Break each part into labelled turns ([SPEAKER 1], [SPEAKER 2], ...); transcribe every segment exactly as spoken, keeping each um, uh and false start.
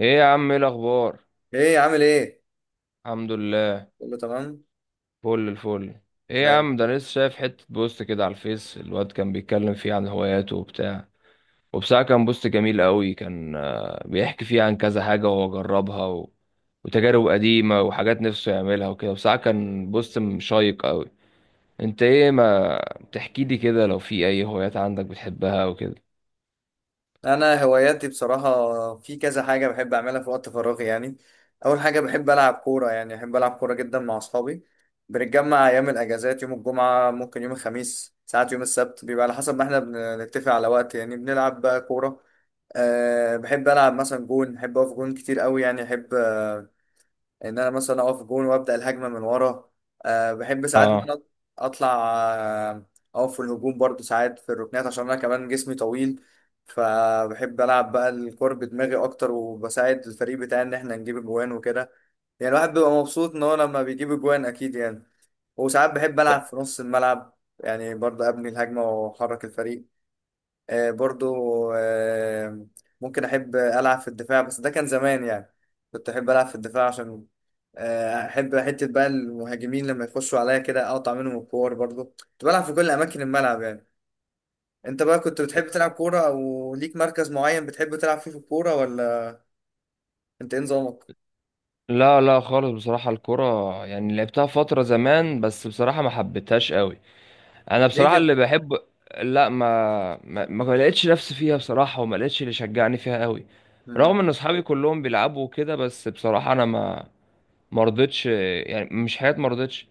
[SPEAKER 1] ايه يا عم، ايه الاخبار؟
[SPEAKER 2] ايه عامل ايه؟
[SPEAKER 1] الحمد لله.
[SPEAKER 2] كله تمام.
[SPEAKER 1] فل الفل. ايه يا
[SPEAKER 2] ده
[SPEAKER 1] عم، ده أنا لسه شايف حتة بوست كده على الفيس، الواد كان بيتكلم فيه عن هواياته وبتاع. وبصراحة كان بوست جميل قوي، كان آه، بيحكي فيه عن كذا حاجة وهو جربها و... وتجارب قديمة وحاجات نفسه يعملها وكده. بصراحة كان بوست شيق قوي. انت ايه، ما تحكي لي كده لو في اي هوايات عندك بتحبها وكده؟
[SPEAKER 2] انا هواياتي بصراحه في كذا حاجه بحب اعملها في وقت فراغي يعني. اول حاجه بحب العب كوره، يعني بحب العب كوره جدا مع اصحابي. بنتجمع ايام الاجازات، يوم الجمعه، ممكن يوم الخميس، ساعات يوم السبت، بيبقى على حسب ما احنا بنتفق على وقت يعني. بنلعب بقى كوره. أه بحب العب مثلا جون، بحب اقف جون كتير قوي، يعني احب ان انا مثلا اقف جون وابدا الهجمه من ورا. أه بحب ساعات ان
[SPEAKER 1] اه،
[SPEAKER 2] انا اطلع، آه، اقف في الهجوم برضو، ساعات في الركنات عشان انا كمان جسمي طويل. فبحب العب بقى الكور بدماغي اكتر وبساعد الفريق بتاعي ان احنا نجيب اجوان وكده. يعني الواحد بيبقى مبسوط ان هو لما بيجيب اجوان اكيد يعني. وساعات بحب العب في نص الملعب، يعني برضه ابني الهجمه واحرك الفريق. آه، برضو آه، ممكن احب العب في الدفاع، بس ده كان زمان يعني. كنت احب العب في الدفاع عشان آه، احب حته بقى المهاجمين لما يخشوا عليا كده اقطع منهم الكور، برضو كنت بلعب في كل اماكن الملعب يعني. انت بقى كنت بتحب تلعب كوره، او ليك مركز معين بتحب تلعب فيه في الكوره، ولا انت ايه نظامك؟
[SPEAKER 1] لا لا خالص، بصراحة الكرة يعني لعبتها فترة زمان، بس بصراحة ما حبيتهاش قوي. انا
[SPEAKER 2] ليه
[SPEAKER 1] بصراحه
[SPEAKER 2] كده؟
[SPEAKER 1] اللي بحب، لا ما ما, ما لقيتش نفسي فيها بصراحه، وما لقيتش اللي شجعني فيها قوي.
[SPEAKER 2] مم.
[SPEAKER 1] رغم ان اصحابي كلهم بيلعبوا كده، بس بصراحه انا ما ما رضيتش، يعني مش حياتي، ما رضيتش.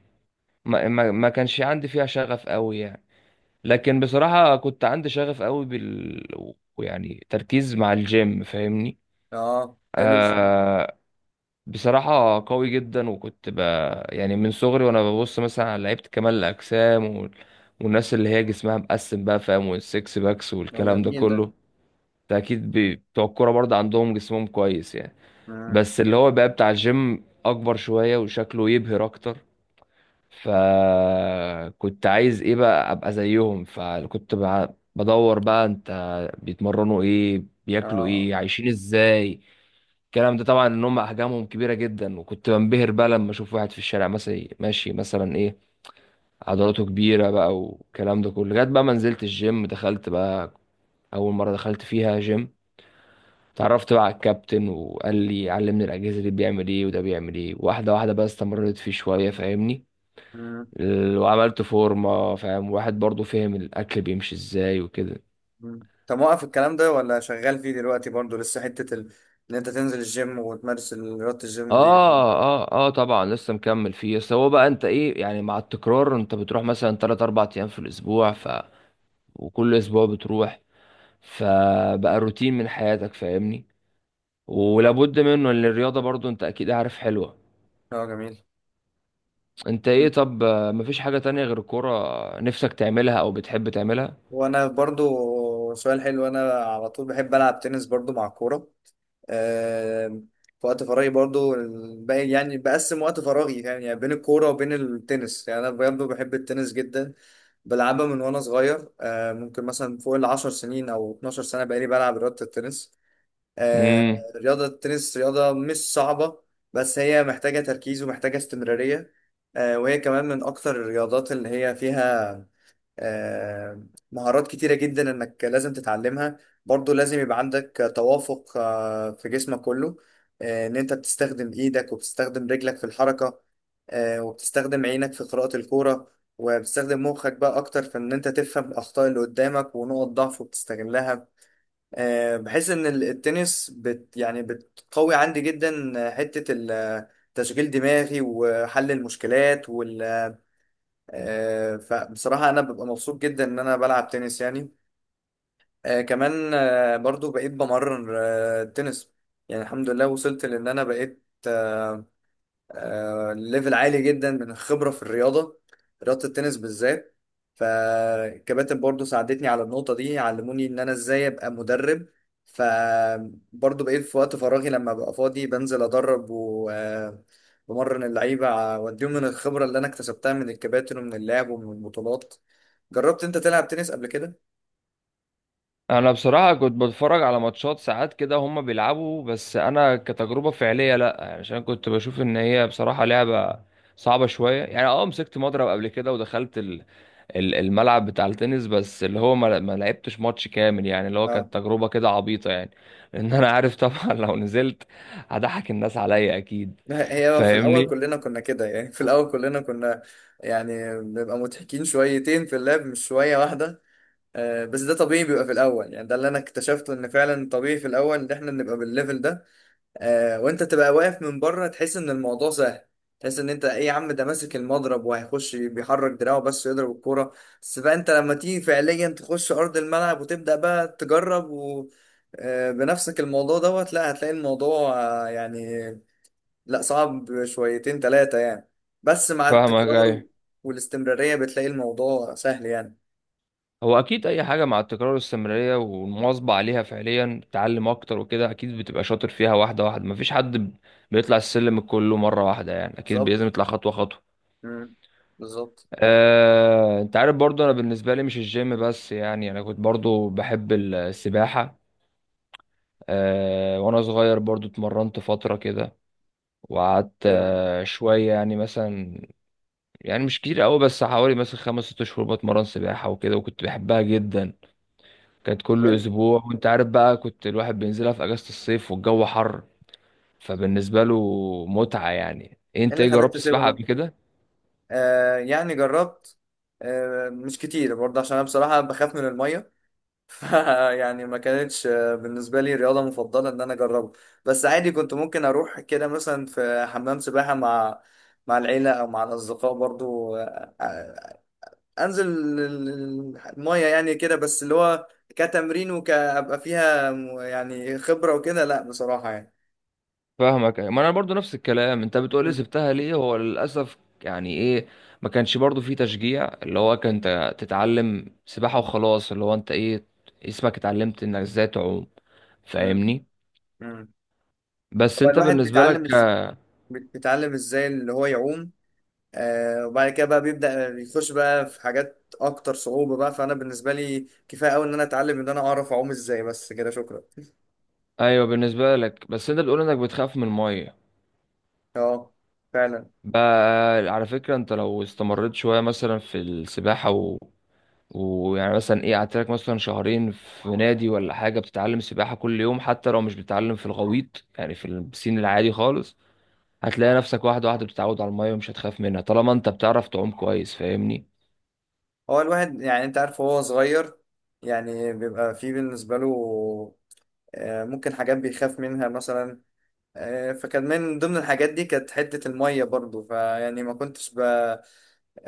[SPEAKER 1] ما, ما, ما كانش عندي فيها شغف قوي يعني. لكن بصراحه كنت عندي شغف قوي بال، ويعني تركيز مع الجيم، فاهمني؟
[SPEAKER 2] اه، حلو الشيء.
[SPEAKER 1] آه، بصراحة قوي جدا، وكنت ب... يعني من صغري وانا ببص مثلا على لعيبة كمال الأجسام وال... والناس اللي هي جسمها مقسم بقى، فاهم، والسكس باكس
[SPEAKER 2] هو
[SPEAKER 1] والكلام ده
[SPEAKER 2] جميل ده.
[SPEAKER 1] كله. ده أكيد بي- بتوع الكورة برضه عندهم جسمهم كويس يعني،
[SPEAKER 2] مم.
[SPEAKER 1] بس اللي هو بقى بتاع الجيم أكبر شوية وشكله يبهر أكتر. فكنت عايز إيه بقى، أبقى زيهم، فكنت بع- بدور بقى، أنت بيتمرنوا إيه، بياكلوا
[SPEAKER 2] اه.
[SPEAKER 1] إيه، عايشين إزاي. الكلام ده طبعا، ان هم احجامهم كبيره جدا، وكنت بنبهر بقى لما اشوف واحد في الشارع مثلا ماشي مثلا ايه، عضلاته كبيره بقى والكلام ده كله، لغايه بقى ما نزلت الجيم، دخلت بقى اول مره دخلت فيها جيم، اتعرفت بقى على الكابتن وقال لي علمني الاجهزه دي بيعمل ايه وده بيعمل ايه واحده واحده، بقى استمريت فيه شويه فاهمني.
[SPEAKER 2] مم.
[SPEAKER 1] ال- وعملت فورمه، فاهم، واحد برضو، فهم الاكل بيمشي ازاي وكده.
[SPEAKER 2] مم. طب موقف الكلام ده ولا شغال فيه دلوقتي برضو لسه حتة ال... ان انت تنزل الجيم وتمارس ال- رياضة الجيم دي؟
[SPEAKER 1] اه اه اه، طبعا لسه مكمل فيه. بس هو بقى انت ايه يعني، مع التكرار انت بتروح مثلا تلاتة أربعة ايام في الاسبوع، وكل اسبوع بتروح، فبقى روتين من حياتك فاهمني،
[SPEAKER 2] اه.
[SPEAKER 1] ولابد منه ان الرياضة، برضو انت اكيد عارف، حلوة.
[SPEAKER 2] آه، جميل.
[SPEAKER 1] انت ايه طب، آه، مفيش حاجة تانية غير الكورة نفسك تعملها او بتحب تعملها؟
[SPEAKER 2] وانا برضو، سؤال حلو، انا على طول بحب العب تنس برضو مع الكورة. آم، في وقت فراغي برضو ال- بقى- يعني بقسم وقت فراغي يعني يعني بين الكورة وبين التنس، يعني انا برضو بحب التنس جدا. بلعبها من وانا صغير، آه، ممكن مثلا فوق العشر سنين او اثنتا عشرة سنة بقالي بلعب رياضة التنس. آه،
[SPEAKER 1] امم،
[SPEAKER 2] رياضة التنس رياضة مش صعبة، بس هي محتاجة تركيز ومحتاجة استمرارية. آه، وهي كمان من أكتر الرياضات اللي هي فيها آه، مهارات كتيرة جدا إنك لازم تتعلمها. برضو لازم يبقى عندك توافق آه، في جسمك كله. آه، إن أنت بتستخدم إيدك وبتستخدم رجلك في الحركة، آه، وبتستخدم عينك في قراءة الكورة، وبتستخدم مخك بقى أكتر في إن أنت تفهم الأخطاء اللي قدامك ونقط ضعفه وبتستغلها. آه، بحس ان ال- التنس بت يعني بتقوي عندي جدا، آه، حتة ال- آه، تشغيل دماغي وحل المشكلات وال. آه، فبصراحة انا ببقى مبسوط جدا ان انا بلعب تنس يعني. آه، كمان آه، برضو بقيت بمرن آه، التنس. يعني الحمد لله وصلت لان انا بقيت آه، آه، ليفل عالي جدا من الخبرة في الرياضة، رياضة التنس بالذات. فالكباتن برضو ساعدتني على النقطة دي، علموني ان انا ازاي ابقى مدرب. فبرضو بقيت في وقت فراغي لما ببقى فاضي، بنزل ادرب وبمرن اللعيبة ع- واديهم من الخبرة اللي انا اكتسبتها من الكباتن ومن اللعب ومن البطولات. جربت انت تلعب تنس قبل كده؟
[SPEAKER 1] انا بصراحة كنت بتفرج على ماتشات ساعات كده هما بيلعبوا، بس انا كتجربة فعلية لا يعني، عشان كنت بشوف ان هي بصراحة لعبة صعبة شوية يعني. اه، مسكت مضرب قبل كده ودخلت ال- الملعب بتاع التنس، بس اللي هو ما ما لعبتش ماتش كامل يعني، اللي هو
[SPEAKER 2] اه.
[SPEAKER 1] كانت تجربة كده عبيطة يعني لأن أنا عارف طبعا لو نزلت هضحك الناس عليا أكيد،
[SPEAKER 2] هي في الاول
[SPEAKER 1] فاهمني؟
[SPEAKER 2] كلنا كنا كده يعني في الاول كلنا كنا يعني بنبقى مضحكين شويتين في اللعب مش شوية واحدة. آه، بس ده طبيعي بيبقى في الاول، يعني ده اللي انا اكتشفته ان فعلا طبيعي في الاول ان احنا نبقى بالليفل ده. آه، وانت تبقى واقف من بره تحس ان الموضوع سهل. تحس ان انت ايه يا عم، ده ماسك المضرب وهيخش بيحرك دراعه بس يضرب الكوره. بس بقى انت لما تيجي فعليا تخش ارض الملعب وتبدا بقى تجرب و آه، بنفسك الموضوع دوت، لا هتلاقي الموضوع آه، يعني لا صعب شويتين ثلاثه يعني، بس مع
[SPEAKER 1] فاهمك،
[SPEAKER 2] التكرار
[SPEAKER 1] أيوة.
[SPEAKER 2] والاستمراريه بتلاقي الموضوع سهل يعني.
[SPEAKER 1] هو أكيد أي حاجة مع التكرار والاستمرارية والمواظبة عليها فعليا تعلم أكتر وكده، أكيد بتبقى شاطر فيها واحدة واحدة. مفيش حد ب- بيطلع السلم كله مرة واحدة يعني، أكيد لازم
[SPEAKER 2] بالظبط.
[SPEAKER 1] يطلع خطوة خطوة.
[SPEAKER 2] مم. بالظبط.
[SPEAKER 1] آه، انت عارف برضو انا بالنسبه لي مش الجيم بس يعني، انا كنت برضو بحب السباحه. آه، وانا صغير برضو اتمرنت فترة كده، وقعدت
[SPEAKER 2] حلو.
[SPEAKER 1] آه، شوية يعني مثلا، يعني مش كتير قوي، بس حوالي مثلا خمس ست شهور بتمرن سباحة وكده، وكنت بحبها جدا. كانت
[SPEAKER 2] وايه
[SPEAKER 1] كل
[SPEAKER 2] ال-
[SPEAKER 1] اسبوع، وانت عارف بقى، كنت الواحد بينزلها في اجازة الصيف والجو حر، فبالنسبة له متعة يعني.
[SPEAKER 2] إيه
[SPEAKER 1] انت
[SPEAKER 2] اللي
[SPEAKER 1] ايه،
[SPEAKER 2] خلاك
[SPEAKER 1] جربت
[SPEAKER 2] تسيبها
[SPEAKER 1] السباحة
[SPEAKER 2] بقى؟
[SPEAKER 1] قبل كده؟
[SPEAKER 2] آه يعني جربت، آه مش كتير برضه عشان انا بصراحة بخاف من المية. يعني ما كانتش آه، بالنسبة لي رياضة مفضلة ان انا اجربها. بس عادي كنت ممكن اروح كده مثلا في حمام سباحة مع مع العيلة او مع الاصدقاء برضه آه آه، انزل ال- ال- المية يعني كده، بس اللي هو كتمرين وكابقى فيها م- يعني خبرة وكده، لا بصراحة يعني.
[SPEAKER 1] فاهمك، ما انا برضو نفس الكلام انت بتقولي،
[SPEAKER 2] مم.
[SPEAKER 1] سبتها ليه؟ هو للاسف يعني ايه، ما كانش برضو في تشجيع، اللي هو كان ت- تتعلم سباحة وخلاص، اللي هو انت ايه، اسمك، اتعلمت انك ازاي تعوم
[SPEAKER 2] مم.
[SPEAKER 1] فاهمني.
[SPEAKER 2] مم.
[SPEAKER 1] بس
[SPEAKER 2] هو
[SPEAKER 1] انت
[SPEAKER 2] الواحد
[SPEAKER 1] بالنسبة لك
[SPEAKER 2] بيتعلم إز...
[SPEAKER 1] ك-
[SPEAKER 2] بيتعلم ازاي اللي هو يعوم. آه، وبعد كده بقى بيبدأ يخش بقى في حاجات اكتر صعوبة بقى، فانا بالنسبة لي كفاية قوي ان انا اتعلم ان انا اعرف اعوم ازاي بس كده، شكرا.
[SPEAKER 1] ايوه بالنسبة لك، بس انت بتقول انك بتخاف من المية
[SPEAKER 2] اه، فعلا.
[SPEAKER 1] بقى. على فكرة انت لو استمريت شوية مثلا في السباحة، ويعني مثلا ايه، قعدت لك مثلا شهرين في نادي ولا حاجه بتتعلم سباحه كل يوم، حتى لو مش بتتعلم في الغويط، يعني في البسين العادي خالص، هتلاقي نفسك واحده واحده بتتعود على الميه، ومش هتخاف منها طالما انت بتعرف تعوم كويس فاهمني.
[SPEAKER 2] هو الواحد، يعني انت عارف، هو صغير يعني بيبقى فيه بالنسبة له آه ممكن حاجات بيخاف منها مثلا. آه، فكان من ضمن الحاجات دي كانت حتة المية برضو، فيعني ما كنتش ب...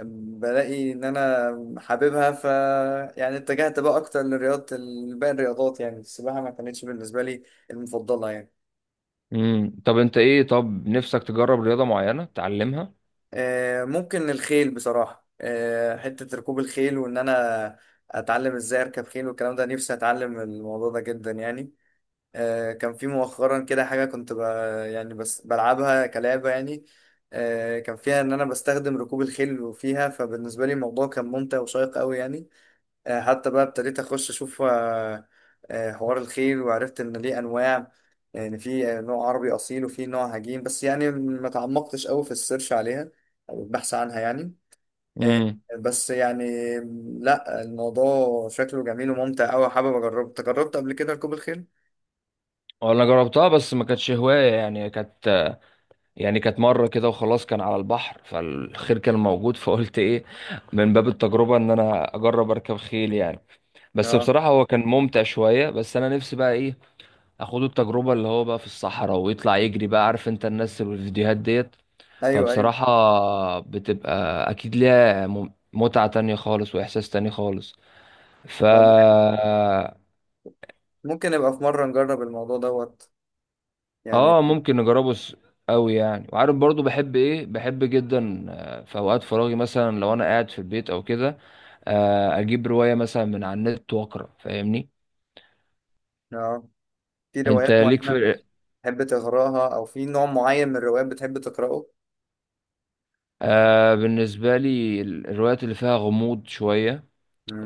[SPEAKER 2] بلاقي ان انا حاببها ف، يعني اتجهت بقى اكتر لرياضه، باقي الرياضات. يعني السباحه ما كانتش بالنسبه لي المفضله يعني.
[SPEAKER 1] امم، طب انت ايه، طب نفسك تجرب رياضه معينه تتعلمها؟
[SPEAKER 2] آه، ممكن الخيل بصراحه، آه، حته ركوب الخيل وان انا اتعلم ازاي اركب خيل والكلام ده، نفسي اتعلم الموضوع ده جدا يعني. آه، كان في مؤخرا كده حاجه كنت ب... يعني بس بلعبها كلعبه يعني. آه، كان فيها ان انا بستخدم ركوب الخيل وفيها، فبالنسبه لي الموضوع كان ممتع وشيق قوي يعني. آه، حتى بقى ابتديت اخش اشوف آه، آه، حوار الخيل، وعرفت ان ليه انواع. يعني في آه، نوع عربي اصيل وفي نوع هجين، بس يعني ما تعمقتش قوي في السيرش عليها او البحث عنها يعني. آه،
[SPEAKER 1] امم،
[SPEAKER 2] بس يعني لا الموضوع شكله جميل وممتع قوي، حابب اجربه. أنت جربت قبل كده ركوب الخيل؟
[SPEAKER 1] انا جربتها بس ما كانتش هوايه يعني، كانت يعني كانت مره كده وخلاص. كان على البحر، فالخير كان موجود، فقلت ايه، من باب التجربه، ان انا اجرب اركب خيل يعني. بس
[SPEAKER 2] اه.
[SPEAKER 1] بصراحة هو كان ممتع شوية، بس أنا نفسي بقى إيه، أخد التجربة اللي هو بقى في الصحراء ويطلع يجري بقى، عارف أنت، الناس اللي في الفيديوهات ديت.
[SPEAKER 2] ايوه ايوه.
[SPEAKER 1] فبصراحة بتبقى أكيد ليها مم- متعة تانية خالص وإحساس تاني خالص،
[SPEAKER 2] آه،
[SPEAKER 1] فا
[SPEAKER 2] ممكن نبقى في مره نجرب الموضوع دوت يعني.
[SPEAKER 1] آه ممكن نجربه س- أوي يعني. وعارف برضو بحب إيه، بحب جدا آه، في أوقات فراغي مثلا لو أنا قاعد في البيت أو كده، آه، أجيب رواية مثلا من على النت وأقرأ فاهمني.
[SPEAKER 2] اه، في
[SPEAKER 1] أنت
[SPEAKER 2] روايات
[SPEAKER 1] ليك
[SPEAKER 2] معينه
[SPEAKER 1] في،
[SPEAKER 2] بتحب تقراها او في نوع معين من الروايات بتحب تقراه؟
[SPEAKER 1] آه بالنسبة لي ال- الروايات اللي فيها غموض شوية،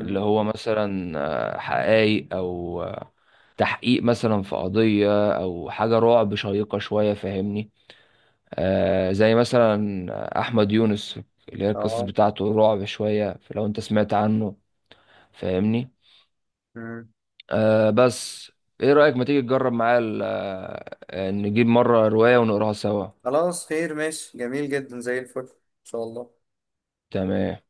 [SPEAKER 1] اللي هو مثلا آه، حقايق أو آه، تحقيق مثلا في قضية، أو حاجة رعب شيقة شوية فاهمني. آه زي مثلا آه، أحمد يونس، اللي هي القصص
[SPEAKER 2] اه.
[SPEAKER 1] بتاعته رعب شوية لو أنت سمعت عنه، فاهمني.
[SPEAKER 2] مم.
[SPEAKER 1] آه بس إيه رأيك، ما تيجي تجرب معايا ال- آه، آه، نجيب مرة رواية ونقراها سوا؟
[SPEAKER 2] خلاص، خير، ماشي، جميل جدا، زي الفل، ان شاء الله.
[SPEAKER 1] تمام.